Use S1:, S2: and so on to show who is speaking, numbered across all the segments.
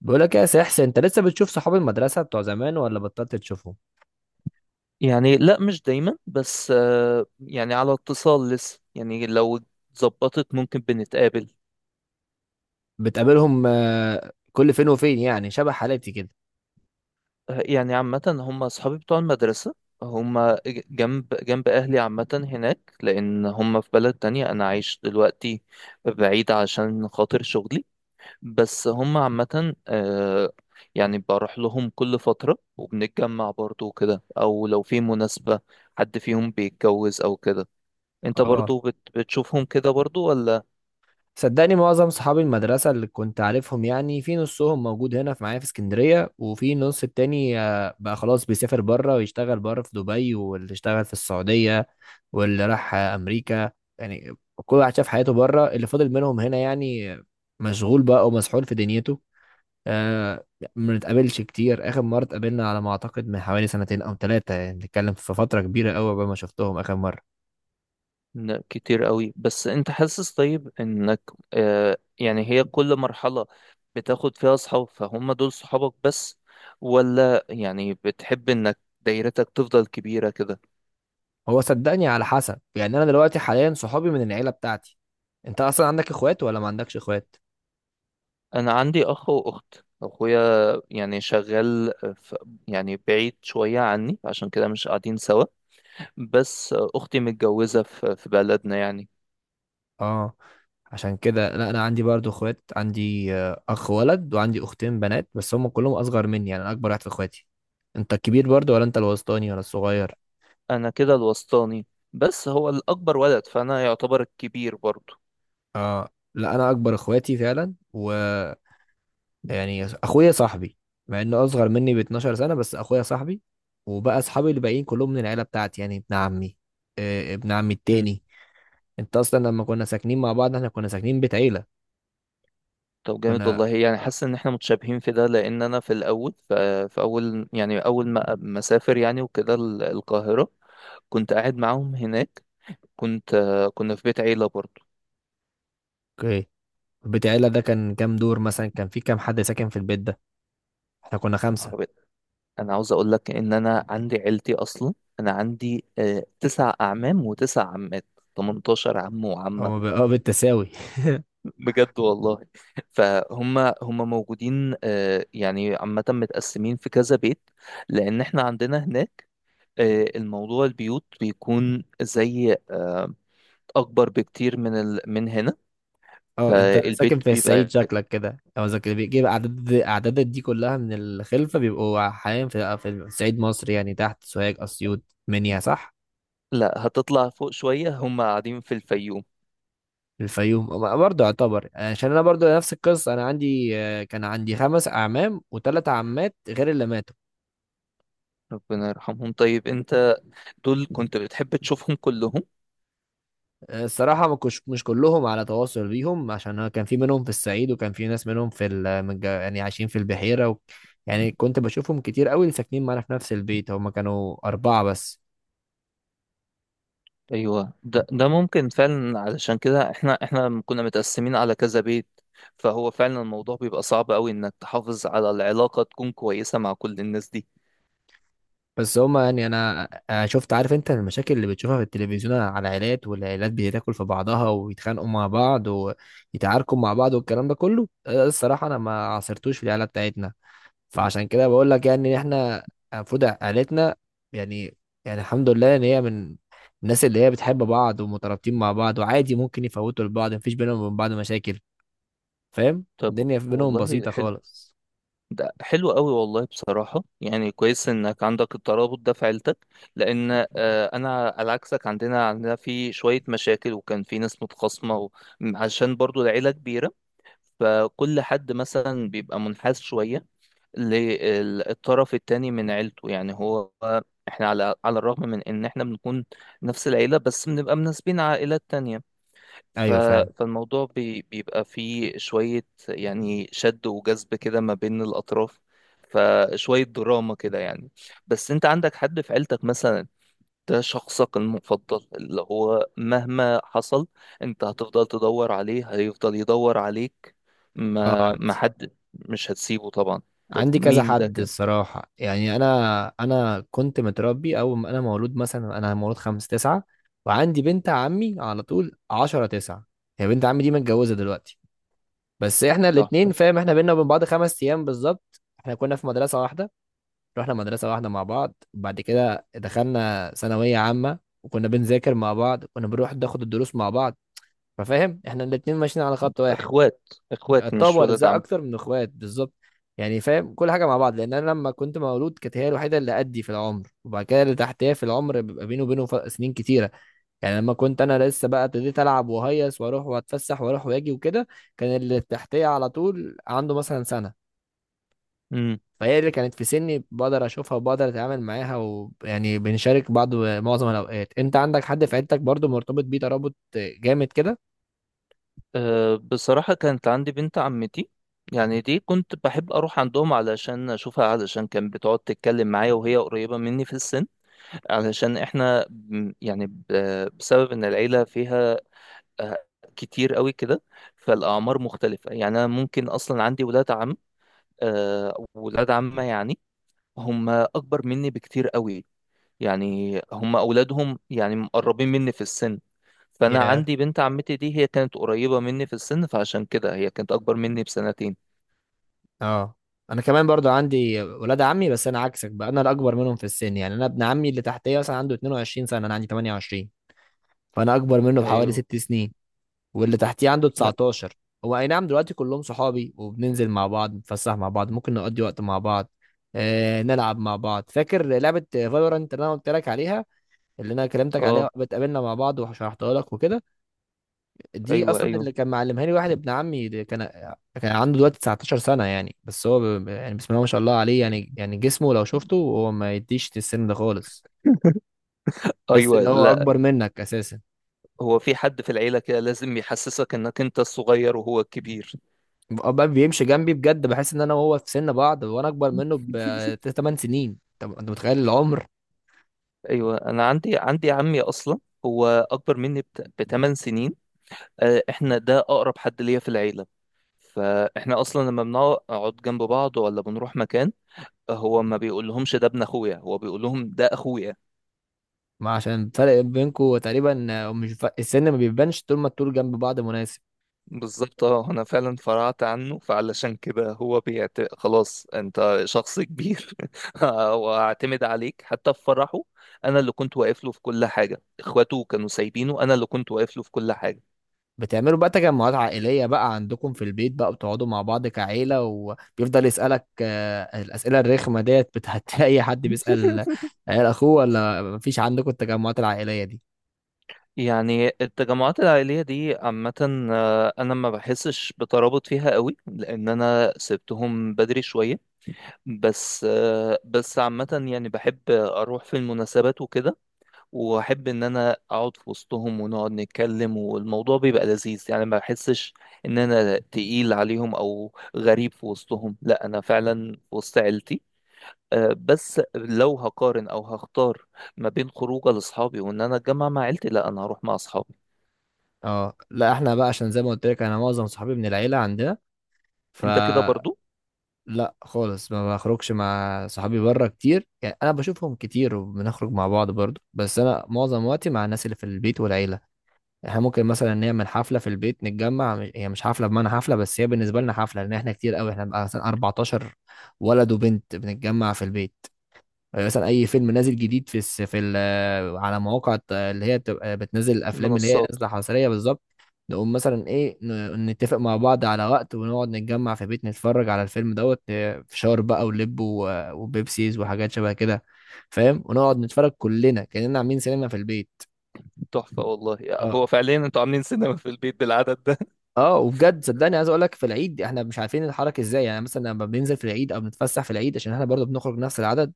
S1: بقول لك يا سحس، انت لسه بتشوف صحاب المدرسه بتوع زمان ولا بطلت تشوفهم؟
S2: يعني لا، مش دايما. بس يعني على اتصال لسه، يعني لو اتظبطت ممكن بنتقابل.
S1: بتقابلهم، كل فين وفين، يعني شبه حالتي كده.
S2: يعني عامة هم أصحابي بتوع المدرسة. هم جنب جنب أهلي عامة، هناك لأن هم في بلد تانية أنا عايش دلوقتي بعيد عشان خاطر شغلي. بس هم عامة يعني بروح لهم كل فترة وبنتجمع برضو وكده، أو لو في مناسبة حد فيهم بيتجوز أو كده. أنت
S1: اه،
S2: برضو بتشوفهم كده برضو ولا؟
S1: صدقني معظم صحاب المدرسه اللي كنت عارفهم، يعني في نصهم موجود هنا في معايا في اسكندريه، وفي نص التاني بقى خلاص بيسافر بره ويشتغل بره في دبي، واللي اشتغل في السعوديه، واللي راح امريكا. يعني كل واحد شاف حياته بره. اللي فضل منهم هنا يعني مشغول بقى ومسحول في دنيته. آه. ما نتقابلش كتير، اخر مره اتقابلنا على ما اعتقد من حوالي سنتين او ثلاثه، يعني بنتكلم في فتره كبيره قوي قبل ما شفتهم اخر مره.
S2: لا، كتير قوي. بس انت حاسس طيب انك، يعني هي كل مرحلة بتاخد فيها اصحاب، فهم دول صحابك بس؟ ولا يعني بتحب انك دايرتك تفضل كبيرة كده؟
S1: هو صدقني على حسب، يعني انا دلوقتي حاليا صحابي من العيله بتاعتي. انت اصلا عندك اخوات ولا ما عندكش اخوات؟
S2: انا عندي اخ واخت. اخويا يعني شغال في... يعني بعيد شوية عني، عشان كده مش قاعدين سوا. بس اختي متجوزة في بلدنا يعني.
S1: اه، عشان كده. لا انا عندي برضو اخوات، عندي اخ ولد وعندي اختين بنات، بس هم كلهم اصغر مني، يعني انا اكبر واحد في اخواتي. انت الكبير برضو ولا انت الوسطاني ولا الصغير؟
S2: انا كده الوسطاني. بس هو الاكبر ولد، فانا يعتبر الكبير برضه.
S1: اه، لا انا اكبر اخواتي فعلا، و يعني اخويا صاحبي. مع انه اصغر مني ب 12 سنه، بس اخويا صاحبي. وبقى اصحابي اللي باقيين كلهم من العيله بتاعتي، يعني ابن عمي، ابن عمي التاني. انت اصلا لما كنا ساكنين مع بعض احنا كنا ساكنين بيت عيله.
S2: طب جامد
S1: كنا.
S2: والله، يعني حاسس ان احنا متشابهين في ده. لان انا في الاول ف- في اول يعني اول ما مسافر يعني وكده القاهره، كنت قاعد معاهم هناك. كنت آه، كنا في بيت عيله برضو.
S1: اوكي. بيت عيله ده كان كام دور؟ مثلا كان في كام حد ساكن في البيت ده؟ احنا كنا
S2: يا نهار
S1: خمسه.
S2: أبيض. انا عاوز اقول لك ان انا عندي عيلتي اصلا. انا عندي 9 اعمام وتسع عمات، 18 عم وعمه،
S1: او اه، بالتساوي.
S2: بجد والله. فهم موجودين، يعني عامه متقسمين في كذا بيت، لان احنا عندنا هناك الموضوع، البيوت بيكون زي أكبر بكتير من من هنا.
S1: اه، انت ساكن
S2: فالبيت
S1: في الصعيد
S2: بيبقى...
S1: شكلك كده، او اذا كده بيجيب اعدادات دي كلها من الخلفه، بيبقوا حاليا في صعيد مصر، يعني تحت سوهاج، اسيوط، منيا، صح؟
S2: لا، هتطلع فوق شوية، هم قاعدين في الفيوم.
S1: الفيوم أما برضه يعتبر. عشان انا برضه نفس القصه، انا عندي آه، كان عندي 5 اعمام و3 عمات غير اللي ماتوا.
S2: ربنا يرحمهم. طيب أنت دول كنت بتحب تشوفهم كلهم؟
S1: الصراحه، ما كنتش، مش كلهم على تواصل بيهم، عشان أنا كان في منهم في الصعيد، وكان في ناس منهم في ال- من الج- يعني عايشين في البحيره. و... يعني كنت بشوفهم كتير قوي، اللي ساكنين معانا في نفس البيت هما كانوا اربعه بس.
S2: أيوة، ده ممكن فعلا. علشان كده احنا لما كنا متقسمين على كذا بيت، فهو فعلا الموضوع بيبقى صعب قوي إنك تحافظ على العلاقة تكون كويسة مع كل الناس دي.
S1: بس هما، يعني انا، أنا شفت، عارف انت، المشاكل اللي بتشوفها في التلفزيون على العائلات، والعائلات بتاكل في بعضها ويتخانقوا مع بعض، ويتعاركوا مع بعض والكلام ده كله. ده الصراحه انا ما عاصرتوش في العائله بتاعتنا. فعشان كده بقول لك، يعني إن احنا المفروض عائلتنا، يعني يعني الحمد لله ان هي من الناس اللي هي بتحب بعض ومترابطين مع بعض، وعادي ممكن يفوتوا لبعض، مفيش بينهم وبين بعض مشاكل. فاهم؟
S2: طب
S1: الدنيا بينهم
S2: والله
S1: بسيطه
S2: حلو.
S1: خالص.
S2: ده حلو قوي والله بصراحة، يعني كويس انك عندك الترابط ده في عيلتك. لان انا على عكسك، عندنا في شوية مشاكل وكان في ناس متخاصمة، عشان برضو العيلة كبيرة. فكل حد مثلا بيبقى منحاز شوية للطرف التاني من عيلته. يعني هو احنا على الرغم من ان احنا بنكون نفس العيلة، بس بنبقى مناسبين عائلات تانية. ف...
S1: ايوه، فاهم.
S2: فالموضوع بيبقى فيه شوية يعني شد وجذب كده ما بين الأطراف. فشوية دراما كده يعني. بس أنت عندك حد في عيلتك مثلا، ده شخصك المفضل، اللي هو مهما حصل أنت هتفضل تدور عليه، هيفضل يدور عليك؟
S1: اه،
S2: ما
S1: عندي
S2: حد مش هتسيبه طبعا. طب
S1: عندي كذا
S2: مين ده
S1: حد
S2: كده؟
S1: الصراحة، يعني أنا كنت متربي. أول ما أنا مولود، مثلا أنا مولود خمس تسعة. وعندي بنت عمي على طول عشرة تسعة. هي بنت عمي دي متجوزة دلوقتي. بس إحنا
S2: طب
S1: الاتنين،
S2: طب-
S1: فاهم، إحنا بينا وبين بعض 5 أيام بالظبط. إحنا كنا في مدرسة واحدة، رحنا مدرسة واحدة مع بعض. بعد كده دخلنا ثانوية عامة، وكنا بنذاكر مع بعض، كنا بنروح ناخد الدروس مع بعض. ففاهم، إحنا الاتنين ماشيين على خط واحد.
S2: إخوات، إخوات
S1: طاب،
S2: مش ولد.
S1: وارزاق اكتر من اخوات بالظبط. يعني فاهم، كل حاجه مع بعض، لان انا لما كنت مولود كانت هي الوحيده اللي قدي في العمر، وبعد كده اللي تحتيها في العمر بيبقى بينه وبينه سنين كتيره. يعني لما كنت انا لسه بقى ابتديت العب وهيص واروح واتفسح واروح واجي وكده، كان اللي تحتيه على طول عنده مثلا سنه.
S2: عم.
S1: فهي اللي كانت في سني، بقدر اشوفها وبقدر اتعامل معاها، ويعني بنشارك بعض معظم الاوقات. انت عندك حد في عيلتك برضو مرتبط بيه ترابط جامد كده؟
S2: أه، بصراحة كانت عندي بنت عمتي. يعني دي كنت بحب أروح عندهم علشان أشوفها، علشان كانت بتقعد تتكلم معايا وهي قريبة مني في السن. علشان إحنا يعني بسبب إن العيلة فيها آه، كتير قوي كده، فالأعمار مختلفة. يعني أنا ممكن أصلا عندي ولاد عم، ولاد عمة، يعني هم أكبر مني بكتير قوي. يعني هم أولادهم يعني مقربين مني في السن. فأنا عندي بنت عمتي دي، هي كانت قريبة مني في السن، فعشان كده هي كانت أكبر مني بسنتين.
S1: اه، انا كمان برضو عندي ولاد عمي، بس انا عكسك بقى، انا الاكبر منهم في السن. يعني انا ابن عمي اللي تحتيه مثلا عنده 22 سنه، انا عندي 28. فانا اكبر منه بحوالي
S2: أيوه.
S1: 6 سنين. واللي تحتيه عنده
S2: لا.
S1: 19. هو، اي نعم، دلوقتي كلهم صحابي، وبننزل مع بعض، نتفسح مع بعض، ممكن نقضي وقت مع بعض، نلعب مع بعض. فاكر لعبه فالورانت اللي انا قلت لك عليها، اللي انا كلمتك
S2: أه.
S1: عليها، بتقابلنا مع بعض وشرحتها لك وكده. دي
S2: أيوه.
S1: اصلا
S2: أيوه.
S1: اللي كان معلمها لي واحد ابن عمي ده. كان عنده دلوقتي 19 سنه يعني، بس هو يعني بسم الله ما شاء الله عليه، يعني جسمه لو شفته هو ما يديش السن ده خالص. تحس
S2: أيوه.
S1: ان هو
S2: لا.
S1: اكبر منك اساسا.
S2: هو في حد في العيلة كده لازم يحسسك إنك أنت الصغير وهو الكبير؟
S1: بقى بيمشي جنبي بجد، بحس ان انا وهو في سن بعض، وانا اكبر منه ب 8 سنين. طب انت متخيل العمر؟
S2: ايوه، انا عندي عمي اصلا. هو اكبر مني بثمان سنين. احنا ده اقرب حد ليا في العيله. فاحنا اصلا لما بنقعد جنب بعض ولا بنروح مكان، هو ما بيقولهمش ده ابن اخويا، هو بيقول لهم ده اخويا.
S1: ما عشان الفرق بينكم تقريبا، مش السن ما بيبانش طول ما الطول جنب بعض مناسب.
S2: بالظبط، اه، انا فعلا فرعت عنه، فعلشان كده هو خلاص انت شخص كبير. واعتمد عليك حتى في فرحه. انا اللي كنت واقف له في كل حاجه، اخواته كانوا سايبينه، انا اللي كنت واقف له في كل حاجه.
S1: بتعملوا بقى تجمعات عائلية بقى عندكم في البيت؟ بقى بتقعدوا مع بعض كعيلة، وبيفضل يسألك الأسئلة الرخمة ديت بتاعت أي حد بيسأل عيال أخوه، ولا مفيش عندكم التجمعات العائلية دي؟
S2: يعني التجمعات العائلية دي عامة، أنا ما بحسش بترابط فيها قوي، لأن أنا سبتهم بدري شوية. بس بس عامة يعني بحب أروح في المناسبات وكده، وأحب إن أنا أقعد في وسطهم ونقعد نتكلم، والموضوع بيبقى لذيذ. يعني ما بحسش إن أنا تقيل عليهم أو غريب في وسطهم، لا أنا فعلا في وسط عيلتي. بس لو هقارن أو هختار ما بين خروجة لأصحابي وإن أنا أتجمع مع عيلتي، لا أنا هروح مع أصحابي.
S1: اه، لا، احنا بقى عشان زي ما قلت لك انا معظم صحابي من العيلة عندنا،
S2: أنت كده
S1: فلا
S2: برضو؟
S1: خالص ما بخرجش مع صحابي بره كتير. يعني انا بشوفهم كتير وبنخرج مع بعض برضو، بس انا معظم وقتي مع الناس اللي في البيت والعيلة. احنا ممكن مثلا نعمل حفله في البيت، نتجمع هي مش حفله بمعنى حفله، بس هي بالنسبه لنا حفله، لان احنا كتير قوي، احنا بقى مثلا 14 ولد وبنت بنتجمع في البيت. مثلا اي فيلم نازل جديد في الس... في ال... على مواقع اللي هي بتبقى بتنزل الافلام اللي هي
S2: منصات.
S1: نازله حصريه بالظبط، نقوم مثلا ايه نتفق مع بعض على وقت، ونقعد نتجمع في بيت، نتفرج على الفيلم دوت فشار بقى ولب وبيبسيز وحاجات شبه كده، فاهم؟ ونقعد نتفرج كلنا كأننا عاملين سينما في البيت.
S2: تحفة والله.
S1: آه.
S2: هو فعليا أنتوا عاملين سينما في البيت بالعدد ده؟
S1: اه، وبجد صدقني، عايز اقول لك، في العيد احنا مش عارفين نتحرك ازاي. يعني مثلا لما بننزل في العيد او بنتفسح في العيد، عشان احنا برضه بنخرج نفس العدد.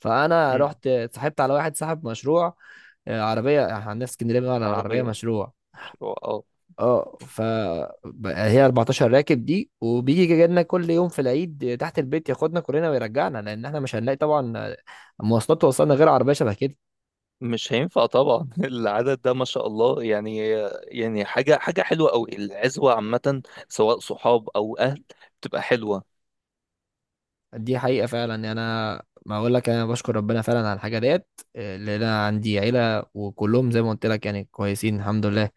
S1: فانا
S2: مم.
S1: رحت اتصاحبت على واحد صاحب مشروع. عربيه، احنا عندنا في اسكندريه بنقول على العربيه
S2: عربية.
S1: مشروع.
S2: مشروع اه.
S1: اه، هي 14 راكب دي، وبيجي جاي لنا كل يوم في العيد تحت البيت، ياخدنا كلنا ويرجعنا، لان احنا مش هنلاقي طبعا مواصلات توصلنا غير عربيه شبه كده.
S2: مش هينفع طبعا العدد ده ما شاء الله يعني. يعني حاجة حلوة أوي. العزوة عامة، سواء صحاب أو أهل، بتبقى حلوة.
S1: دي حقيقة فعلا، يعني أنا ما أقول لك، أنا بشكر ربنا فعلا على الحاجة ديت، اللي أنا عندي عيلة وكلهم زي ما قلت لك يعني كويسين الحمد لله.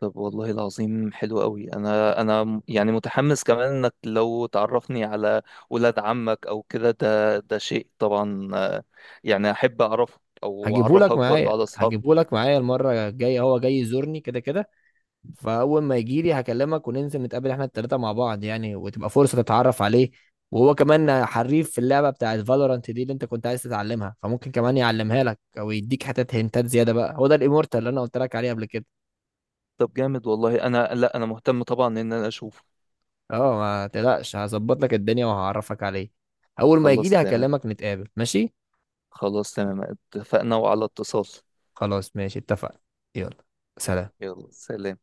S2: طب والله العظيم حلو أوي. أنا يعني متحمس كمان إنك لو تعرفني على ولاد عمك أو كده، ده شيء طبعا. يعني أحب أعرفك أو
S1: هجيبهولك
S2: أعرفك برضه
S1: معايا
S2: على أصحابك.
S1: هجيبهولك معايا المرة الجاية، هو جاي يزورني كده كده. فأول ما يجيلي هكلمك وننزل نتقابل إحنا التلاتة مع بعض، يعني وتبقى فرصة تتعرف عليه. وهو كمان حريف في اللعبة بتاعة فالورانت دي، اللي أنت كنت عايز تتعلمها، فممكن كمان يعلمها لك أو يديك حتت هنتات زيادة. بقى هو ده الإيمورتال اللي أنا قلت لك عليه قبل كده.
S2: طب جامد والله. أنا، لا، أنا مهتم طبعا إن أنا أشوف.
S1: اه، ما تقلقش، هظبط لك الدنيا وهعرفك عليه. اول ما يجي
S2: خلاص
S1: لي
S2: تمام.
S1: هكلمك نتقابل، ماشي؟
S2: خلاص تمام. اتفقنا، وعلى اتصال.
S1: خلاص، ماشي، اتفقنا. يلا، سلام.
S2: يلا سلام.